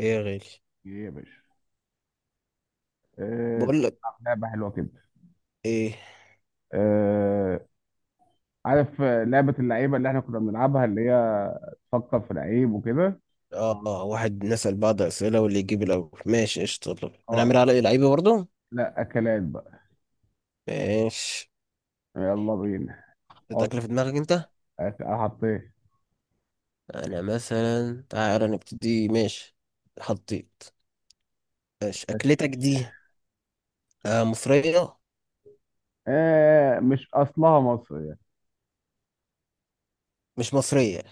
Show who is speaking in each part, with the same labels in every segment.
Speaker 1: ايه يا غالي؟
Speaker 2: ايه يا باشا. آه،
Speaker 1: بقول لك
Speaker 2: تلعب لعبة حلوة كده؟
Speaker 1: ايه.
Speaker 2: آه، عارف لعبة اللعيبة اللي احنا كنا بنلعبها اللي هي تفكر في لعيب وكده.
Speaker 1: اه، واحد نسأل بعض اسئله واللي يجيب الاول ماشي قشطه. يلا،
Speaker 2: اه،
Speaker 1: هنعمل على إيه؟ لعيبه برضه.
Speaker 2: لا أكلات بقى.
Speaker 1: ماشي.
Speaker 2: يلا بينا.
Speaker 1: حطيت
Speaker 2: حط
Speaker 1: اكله في دماغك انت؟
Speaker 2: حطيت.
Speaker 1: انا مثلا تعالى نبتدي. ماشي، حطيت. ماشي، اكلتك دي آه مصريه؟
Speaker 2: آه،
Speaker 1: مش مصريه؟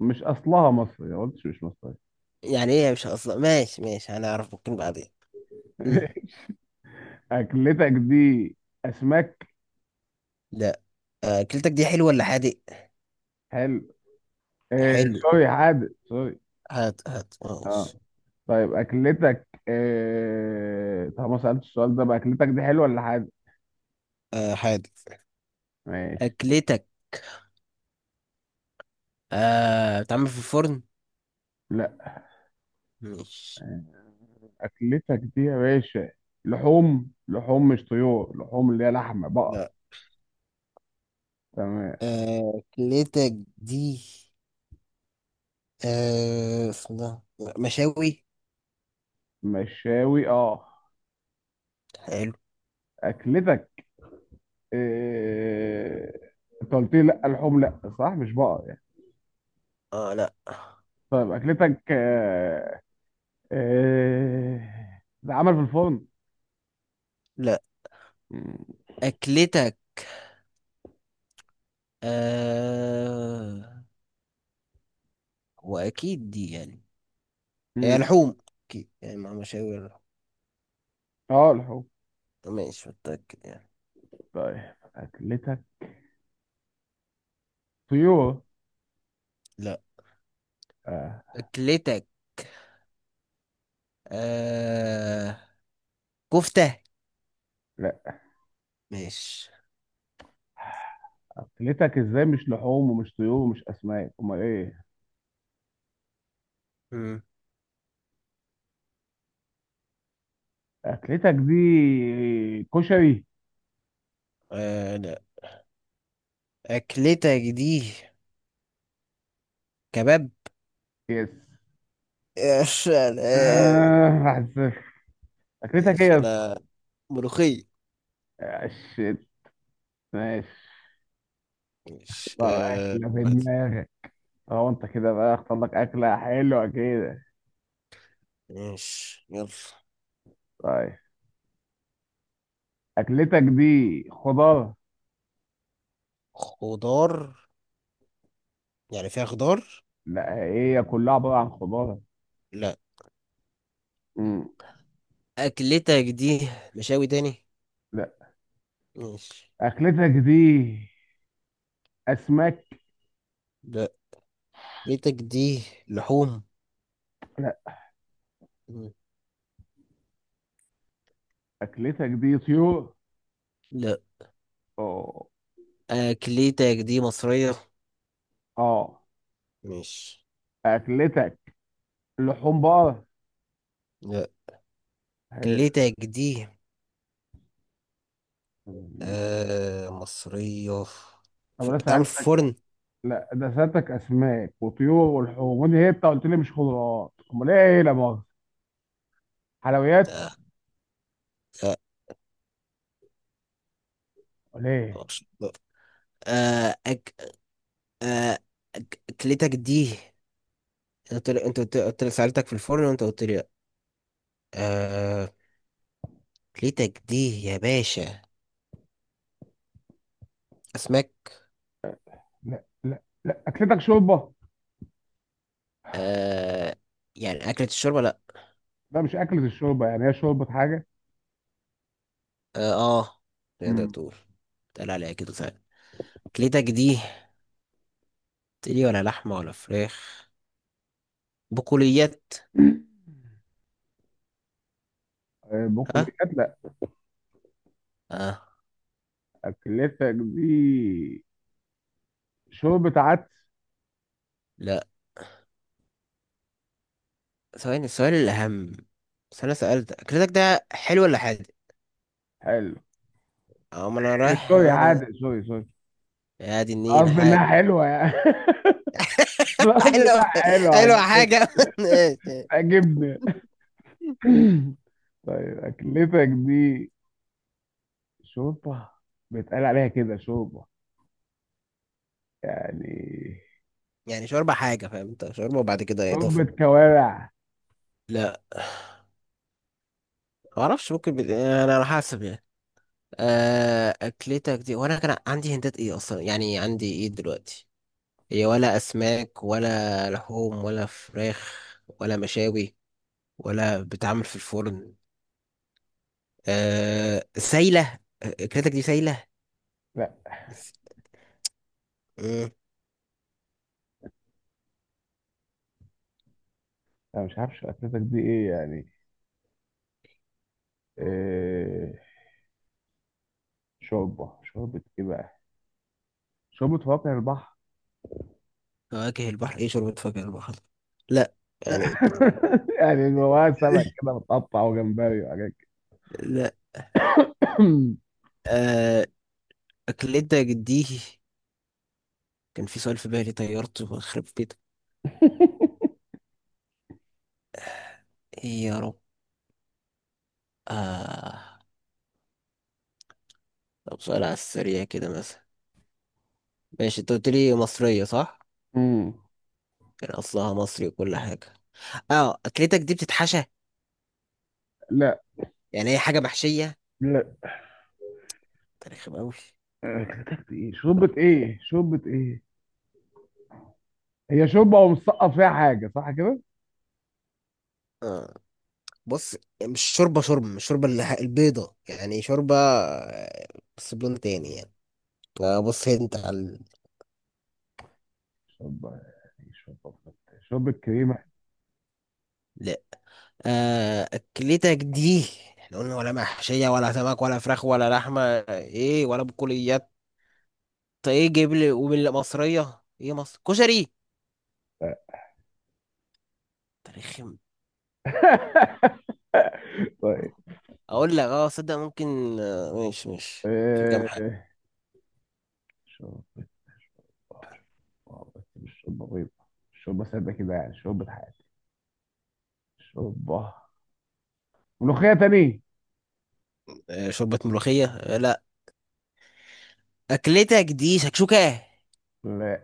Speaker 2: مش أصلها مصرية، ما قلتش مش مصرية.
Speaker 1: يعني ايه مش اصلا؟ ماشي ماشي، هنعرف ممكن بعدين. مم.
Speaker 2: أكلتك دي أسماك؟
Speaker 1: لا. آه، اكلتك دي حلوه ولا حادق؟
Speaker 2: حلو. آه،
Speaker 1: حلو؟
Speaker 2: سوري، حادق سوري.
Speaker 1: هات هات
Speaker 2: اه،
Speaker 1: ماشي.
Speaker 2: طيب أكلتك طب ما سألتش السؤال ده بقى، أكلتك دي حلوة ولا حادق؟
Speaker 1: آه حادق.
Speaker 2: ماشي.
Speaker 1: اكلتك آه بتعمل في الفرن؟
Speaker 2: لا.
Speaker 1: ماشي.
Speaker 2: آه، اكلتك دي يا باشا لحوم، لحوم مش طيور، لحوم اللي هي لحمه بقر؟
Speaker 1: لا.
Speaker 2: تمام.
Speaker 1: آه أكلتك دي آه اسمها مشاوي.
Speaker 2: مشاوي، اه.
Speaker 1: حلو.
Speaker 2: اكلتك إيه؟ انت قلت لي لا لحوم، لا صح مش بقر يعني.
Speaker 1: اه لا.
Speaker 2: طيب اكلتك ده عمل في الفرن؟
Speaker 1: لا
Speaker 2: مم.
Speaker 1: أكلتك آه وأكيد دي يعني هي
Speaker 2: مم.
Speaker 1: لحوم، أكيد يعني مع مشاوي اللحوم.
Speaker 2: اه لحوم.
Speaker 1: ماشي متأكد يعني.
Speaker 2: طيب اكلتك طيور؟
Speaker 1: لا
Speaker 2: آه.
Speaker 1: أكلتك آه كفتة.
Speaker 2: لا.
Speaker 1: ماشي.
Speaker 2: اكلتك ازاي مش لحوم ومش طيور ومش اسماك، امال ايه؟
Speaker 1: مم.
Speaker 2: اكلتك دي كشري؟
Speaker 1: آه لا، أكلتك دي كباب.
Speaker 2: يس.
Speaker 1: إيش أنا؟
Speaker 2: آه، 1-0. اكلتك ايه
Speaker 1: إيش
Speaker 2: يا اسطى؟
Speaker 1: أنا؟ ملوخية.
Speaker 2: آه، شيت. ماشي.
Speaker 1: ماشي.
Speaker 2: طب
Speaker 1: آه
Speaker 2: اكله في
Speaker 1: واحد.
Speaker 2: دماغك؟ اه، انت كده بقى اختار لك اكله حلوه كده.
Speaker 1: ماشي يلا.
Speaker 2: طيب اكلتك دي خضار؟
Speaker 1: خضار؟ يعني فيها خضار.
Speaker 2: لا، هي كلها عباره عن خضار.
Speaker 1: لا
Speaker 2: مم.
Speaker 1: أكلتك دي مشاوي تاني.
Speaker 2: لا.
Speaker 1: ماشي.
Speaker 2: اكلتك دي اسماك؟
Speaker 1: لا أكلتك دي لحوم.
Speaker 2: لا.
Speaker 1: مم.
Speaker 2: اكلتك دي طيور؟
Speaker 1: لا
Speaker 2: اه.
Speaker 1: أكلتك دي مصرية.
Speaker 2: اه.
Speaker 1: ماشي.
Speaker 2: اكلتك لحوم بقر؟
Speaker 1: لا
Speaker 2: حلو.
Speaker 1: أكلتك دي آه مصرية،
Speaker 2: طب انا
Speaker 1: بتعمل في
Speaker 2: سالتك.
Speaker 1: فرن.
Speaker 2: لا ده سالتك اسماك وطيور ولحوم، وانت انت قلت لي مش خضروات، امال ايه؟ لا مؤاخذه، حلويات؟
Speaker 1: آه لا.
Speaker 2: امال ايه؟
Speaker 1: معرفش. لا. آه أك... آه أكلتك دي، أنت قلت لي، أنت قلت لي سألتك في الفرن وأنت قلت لي لأ. آه ليتك دي يا باشا أسماك.
Speaker 2: لا لا لا، اكلتك شوربه.
Speaker 1: آه يعني أكلة الشوربة لأ.
Speaker 2: ده مش اكله الشوربه يعني، هي شوربه حاجه.
Speaker 1: آه, آه تقدر
Speaker 2: امم.
Speaker 1: تقول، تقال عليها كده فعلا. كليتك دي تقلي، ولا لحمة، ولا فراخ، بقوليات.
Speaker 2: آه،
Speaker 1: ها.
Speaker 2: بقوليات لا.
Speaker 1: آه
Speaker 2: اكلتك دي شوربه عدس؟
Speaker 1: لأ. ثواني، السؤال الأهم: بس أنا سألت أكلتك ده حلو ولا حادق؟
Speaker 2: حلو.
Speaker 1: أه ما أنا
Speaker 2: إيه،
Speaker 1: رايح
Speaker 2: سوري
Speaker 1: آه.
Speaker 2: عادي، سوري سوري.
Speaker 1: يا دي النيل
Speaker 2: قصدي
Speaker 1: حادق.
Speaker 2: انها حلوه يعني. قصدي
Speaker 1: حلو.
Speaker 2: انها حلوه
Speaker 1: حلو
Speaker 2: عجبتني.
Speaker 1: حاجة ماشي.
Speaker 2: عجبني. طيب اكلتك دي شوربه، بيتقال عليها كده شوربه يعني؟
Speaker 1: يعني شوربة حاجة فاهم أنت، شوربة وبعد كده
Speaker 2: شوربة
Speaker 1: إضافة.
Speaker 2: كوارع؟
Speaker 1: لا، ما اعرفش ممكن آه، انا على حسب يعني. آه، اكلتك دي وانا كان عندي هندات ايه اصلا يعني؟ عندي ايه دلوقتي؟ هي ولا اسماك، ولا لحوم، ولا فراخ، ولا مشاوي، ولا بتعمل في الفرن. أه سايله، اكلتك دي سايله.
Speaker 2: لا.
Speaker 1: بس- مم.
Speaker 2: انا مش عارف اكلتك دي ايه يعني. إيه، شوربة، شوربة ايه بقى؟ شوربة فواكه البحر؟
Speaker 1: فواكه البحر ايه؟ شوربه فواكه البحر؟ لا يعني
Speaker 2: يعني جواها سمك كده متقطع وجمبري وحاجات كده.
Speaker 1: لا. أه اكلتك دي كان في سؤال في بالي طيرته، بخرب بيتك. إيه يا رب. آه. طب سؤال على السريع كده مثلا. ماشي انت قلت لي مصرية صح؟
Speaker 2: أمم.
Speaker 1: كان أصلها مصري وكل حاجة. اه أكلتك دي بتتحشى؟
Speaker 2: لا.
Speaker 1: يعني هي حاجة محشية؟
Speaker 2: لا
Speaker 1: تاريخ أوي.
Speaker 2: اكلتك دي ايه، شوربة ايه، شوربة ايه؟ هي شوربة ومسقط فيها حاجة، صح كده؟
Speaker 1: اه بص، مش شوربة شوربة، مش شوربة اللي البيضة يعني، شوربة آه، بس بلون تاني يعني. آه بص انت على
Speaker 2: شوربة يعني شوربة. شوربة كريمة؟
Speaker 1: لا. آه أكلتك دي، احنا قلنا ولا محشية، ولا سمك، ولا فراخ، ولا لحمة، ايه، ولا بقوليات. طيب، ايه جيب لي ومن مصرية، ايه مصر، كشري؟ تاريخ.
Speaker 2: طيب.
Speaker 1: اقول لك اه صدق، ممكن آه، ماشي ماشي في كام
Speaker 2: آه،
Speaker 1: حاجه.
Speaker 2: شوربة، شوربة، شوربة، بس مش شوربة بيضة. شوربة سادة كده يعني، شوربة حياتي. شوربة ملوخية تاني؟
Speaker 1: آه، شوربه ملوخيه؟ آه، لا. اكلتك دي شكشوكه؟
Speaker 2: لا.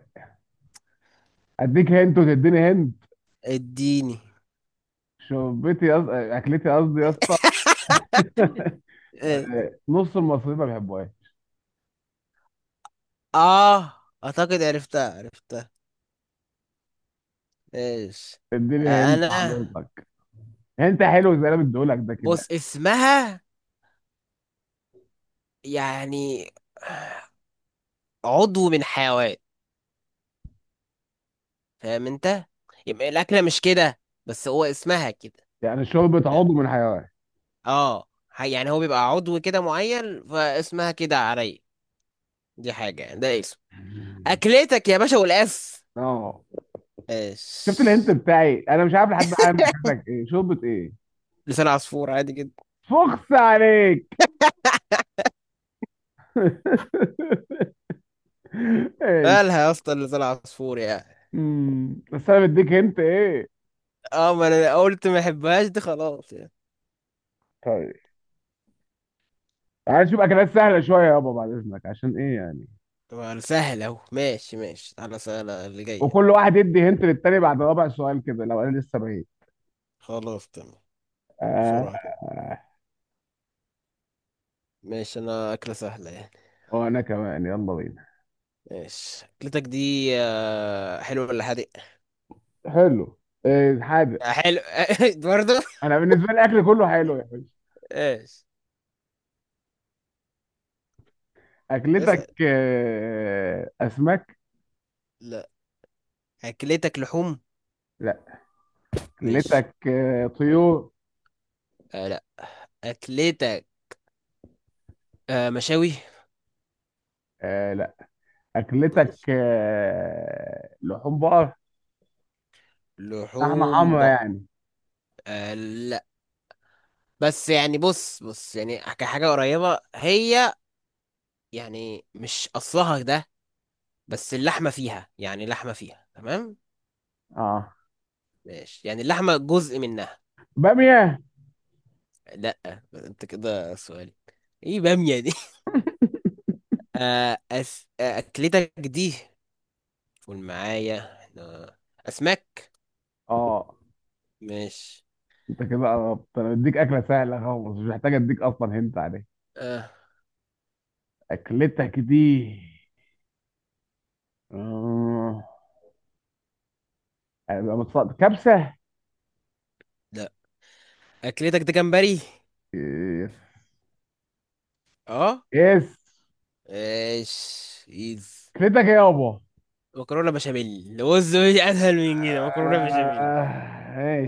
Speaker 2: أديك هنت وتديني هنت.
Speaker 1: اديني
Speaker 2: أكلتي قصدي يا اسطى.
Speaker 1: اه.
Speaker 2: نص المصريين ما بيحبوهاش.
Speaker 1: آه، اعتقد عرفتها عرفتها. ايش؟
Speaker 2: اديني
Speaker 1: آه،
Speaker 2: هنت
Speaker 1: انا
Speaker 2: حضرتك. هنت حلو زي اللي أنا مديهولك ده كده.
Speaker 1: بص اسمها يعني عضو من حيوان فاهم انت، يبقى الاكله مش كده بس هو اسمها كده.
Speaker 2: يعني شوربة عضو من حيوان؟
Speaker 1: اه يعني هو بيبقى عضو كده معين، فاسمها كده عليا. دي حاجه، ده اسم. اكلتك يا باشا والاس.
Speaker 2: اه. شفت الهنت
Speaker 1: ايش؟
Speaker 2: بتاعي، انا مش عارف لحد الان اكلتك ايه، شوربة ايه.
Speaker 1: لسان عصفور، عادي جدا.
Speaker 2: فخس عليك.
Speaker 1: مالها يا اسطى لسان عصفور يعني؟
Speaker 2: بس انا مديك انت ايه.
Speaker 1: اه ما انا قلت ما احبهاش دي، خلاص يعني.
Speaker 2: طيب تعال نشوف اكلات سهله شويه يابا بعد اذنك، عشان ايه يعني؟
Speaker 1: طبعا سهل اهو. ماشي ماشي على سهلة اللي جاية.
Speaker 2: وكل واحد يدي هنت للتاني بعد رابع سؤال كده، لو انا لسه بعيد.
Speaker 1: خلاص تمام.
Speaker 2: آه.
Speaker 1: بسرعة كده.
Speaker 2: آه.
Speaker 1: ماشي انا اكلة سهلة يعني.
Speaker 2: وانا كمان يلا بينا.
Speaker 1: ماشي اكلتك دي آه، حلوة ولا حادق؟
Speaker 2: حلو. إيه حاجه.
Speaker 1: آه، حلو. برضه.
Speaker 2: انا بالنسبه لي الاكل كله حلو يا باشا.
Speaker 1: ايش؟
Speaker 2: اكلتك
Speaker 1: اسأل.
Speaker 2: اسماك؟
Speaker 1: لا. اكلتك لحوم؟
Speaker 2: لا.
Speaker 1: ماشي.
Speaker 2: اكلتك طيور؟
Speaker 1: آه لا. اكلتك آه مشاوي؟
Speaker 2: آه، لا. اكلتك
Speaker 1: ماشي.
Speaker 2: لحوم بقر؟ لحمه
Speaker 1: لحوم
Speaker 2: حمرا
Speaker 1: بق
Speaker 2: يعني.
Speaker 1: آه لا، بس يعني بص بص يعني كحاجة قريبة هي، يعني مش أصلها ده، بس اللحمة فيها، يعني لحمة فيها تمام.
Speaker 2: اه.
Speaker 1: ماشي يعني اللحمة جزء منها.
Speaker 2: باميه؟
Speaker 1: لا. انت كده سؤالي، ايه بامية دي؟ آه أكلتك دي، قول معايا احنا، أسماك.
Speaker 2: اه.
Speaker 1: ماشي.
Speaker 2: انت كده قربت، انا بديك اكله سهله خالص مش محتاج اديك اصلا هنت عليها.
Speaker 1: آه
Speaker 2: اكلتك دي آه، كبسه؟
Speaker 1: لا. أكلتك ده جمبري؟
Speaker 2: يس.
Speaker 1: اه.
Speaker 2: يس.
Speaker 1: ماشي ايز.
Speaker 2: اكلتك ايه يابا؟
Speaker 1: مكرونة بشاميل، بص مش أسهل من كده، مكرونة بشاميل.
Speaker 2: آه،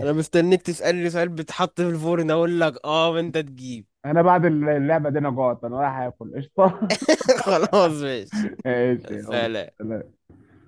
Speaker 1: انا مستنيك تسألني سؤال بيتحط في الفرن اقول لك اه وانت تجيب.
Speaker 2: انا بعد اللعبه دي انا جوعت، انا رايح اكل قشطه.
Speaker 1: خلاص ماشي.
Speaker 2: ماشي يلا.
Speaker 1: سلام.
Speaker 2: سلام.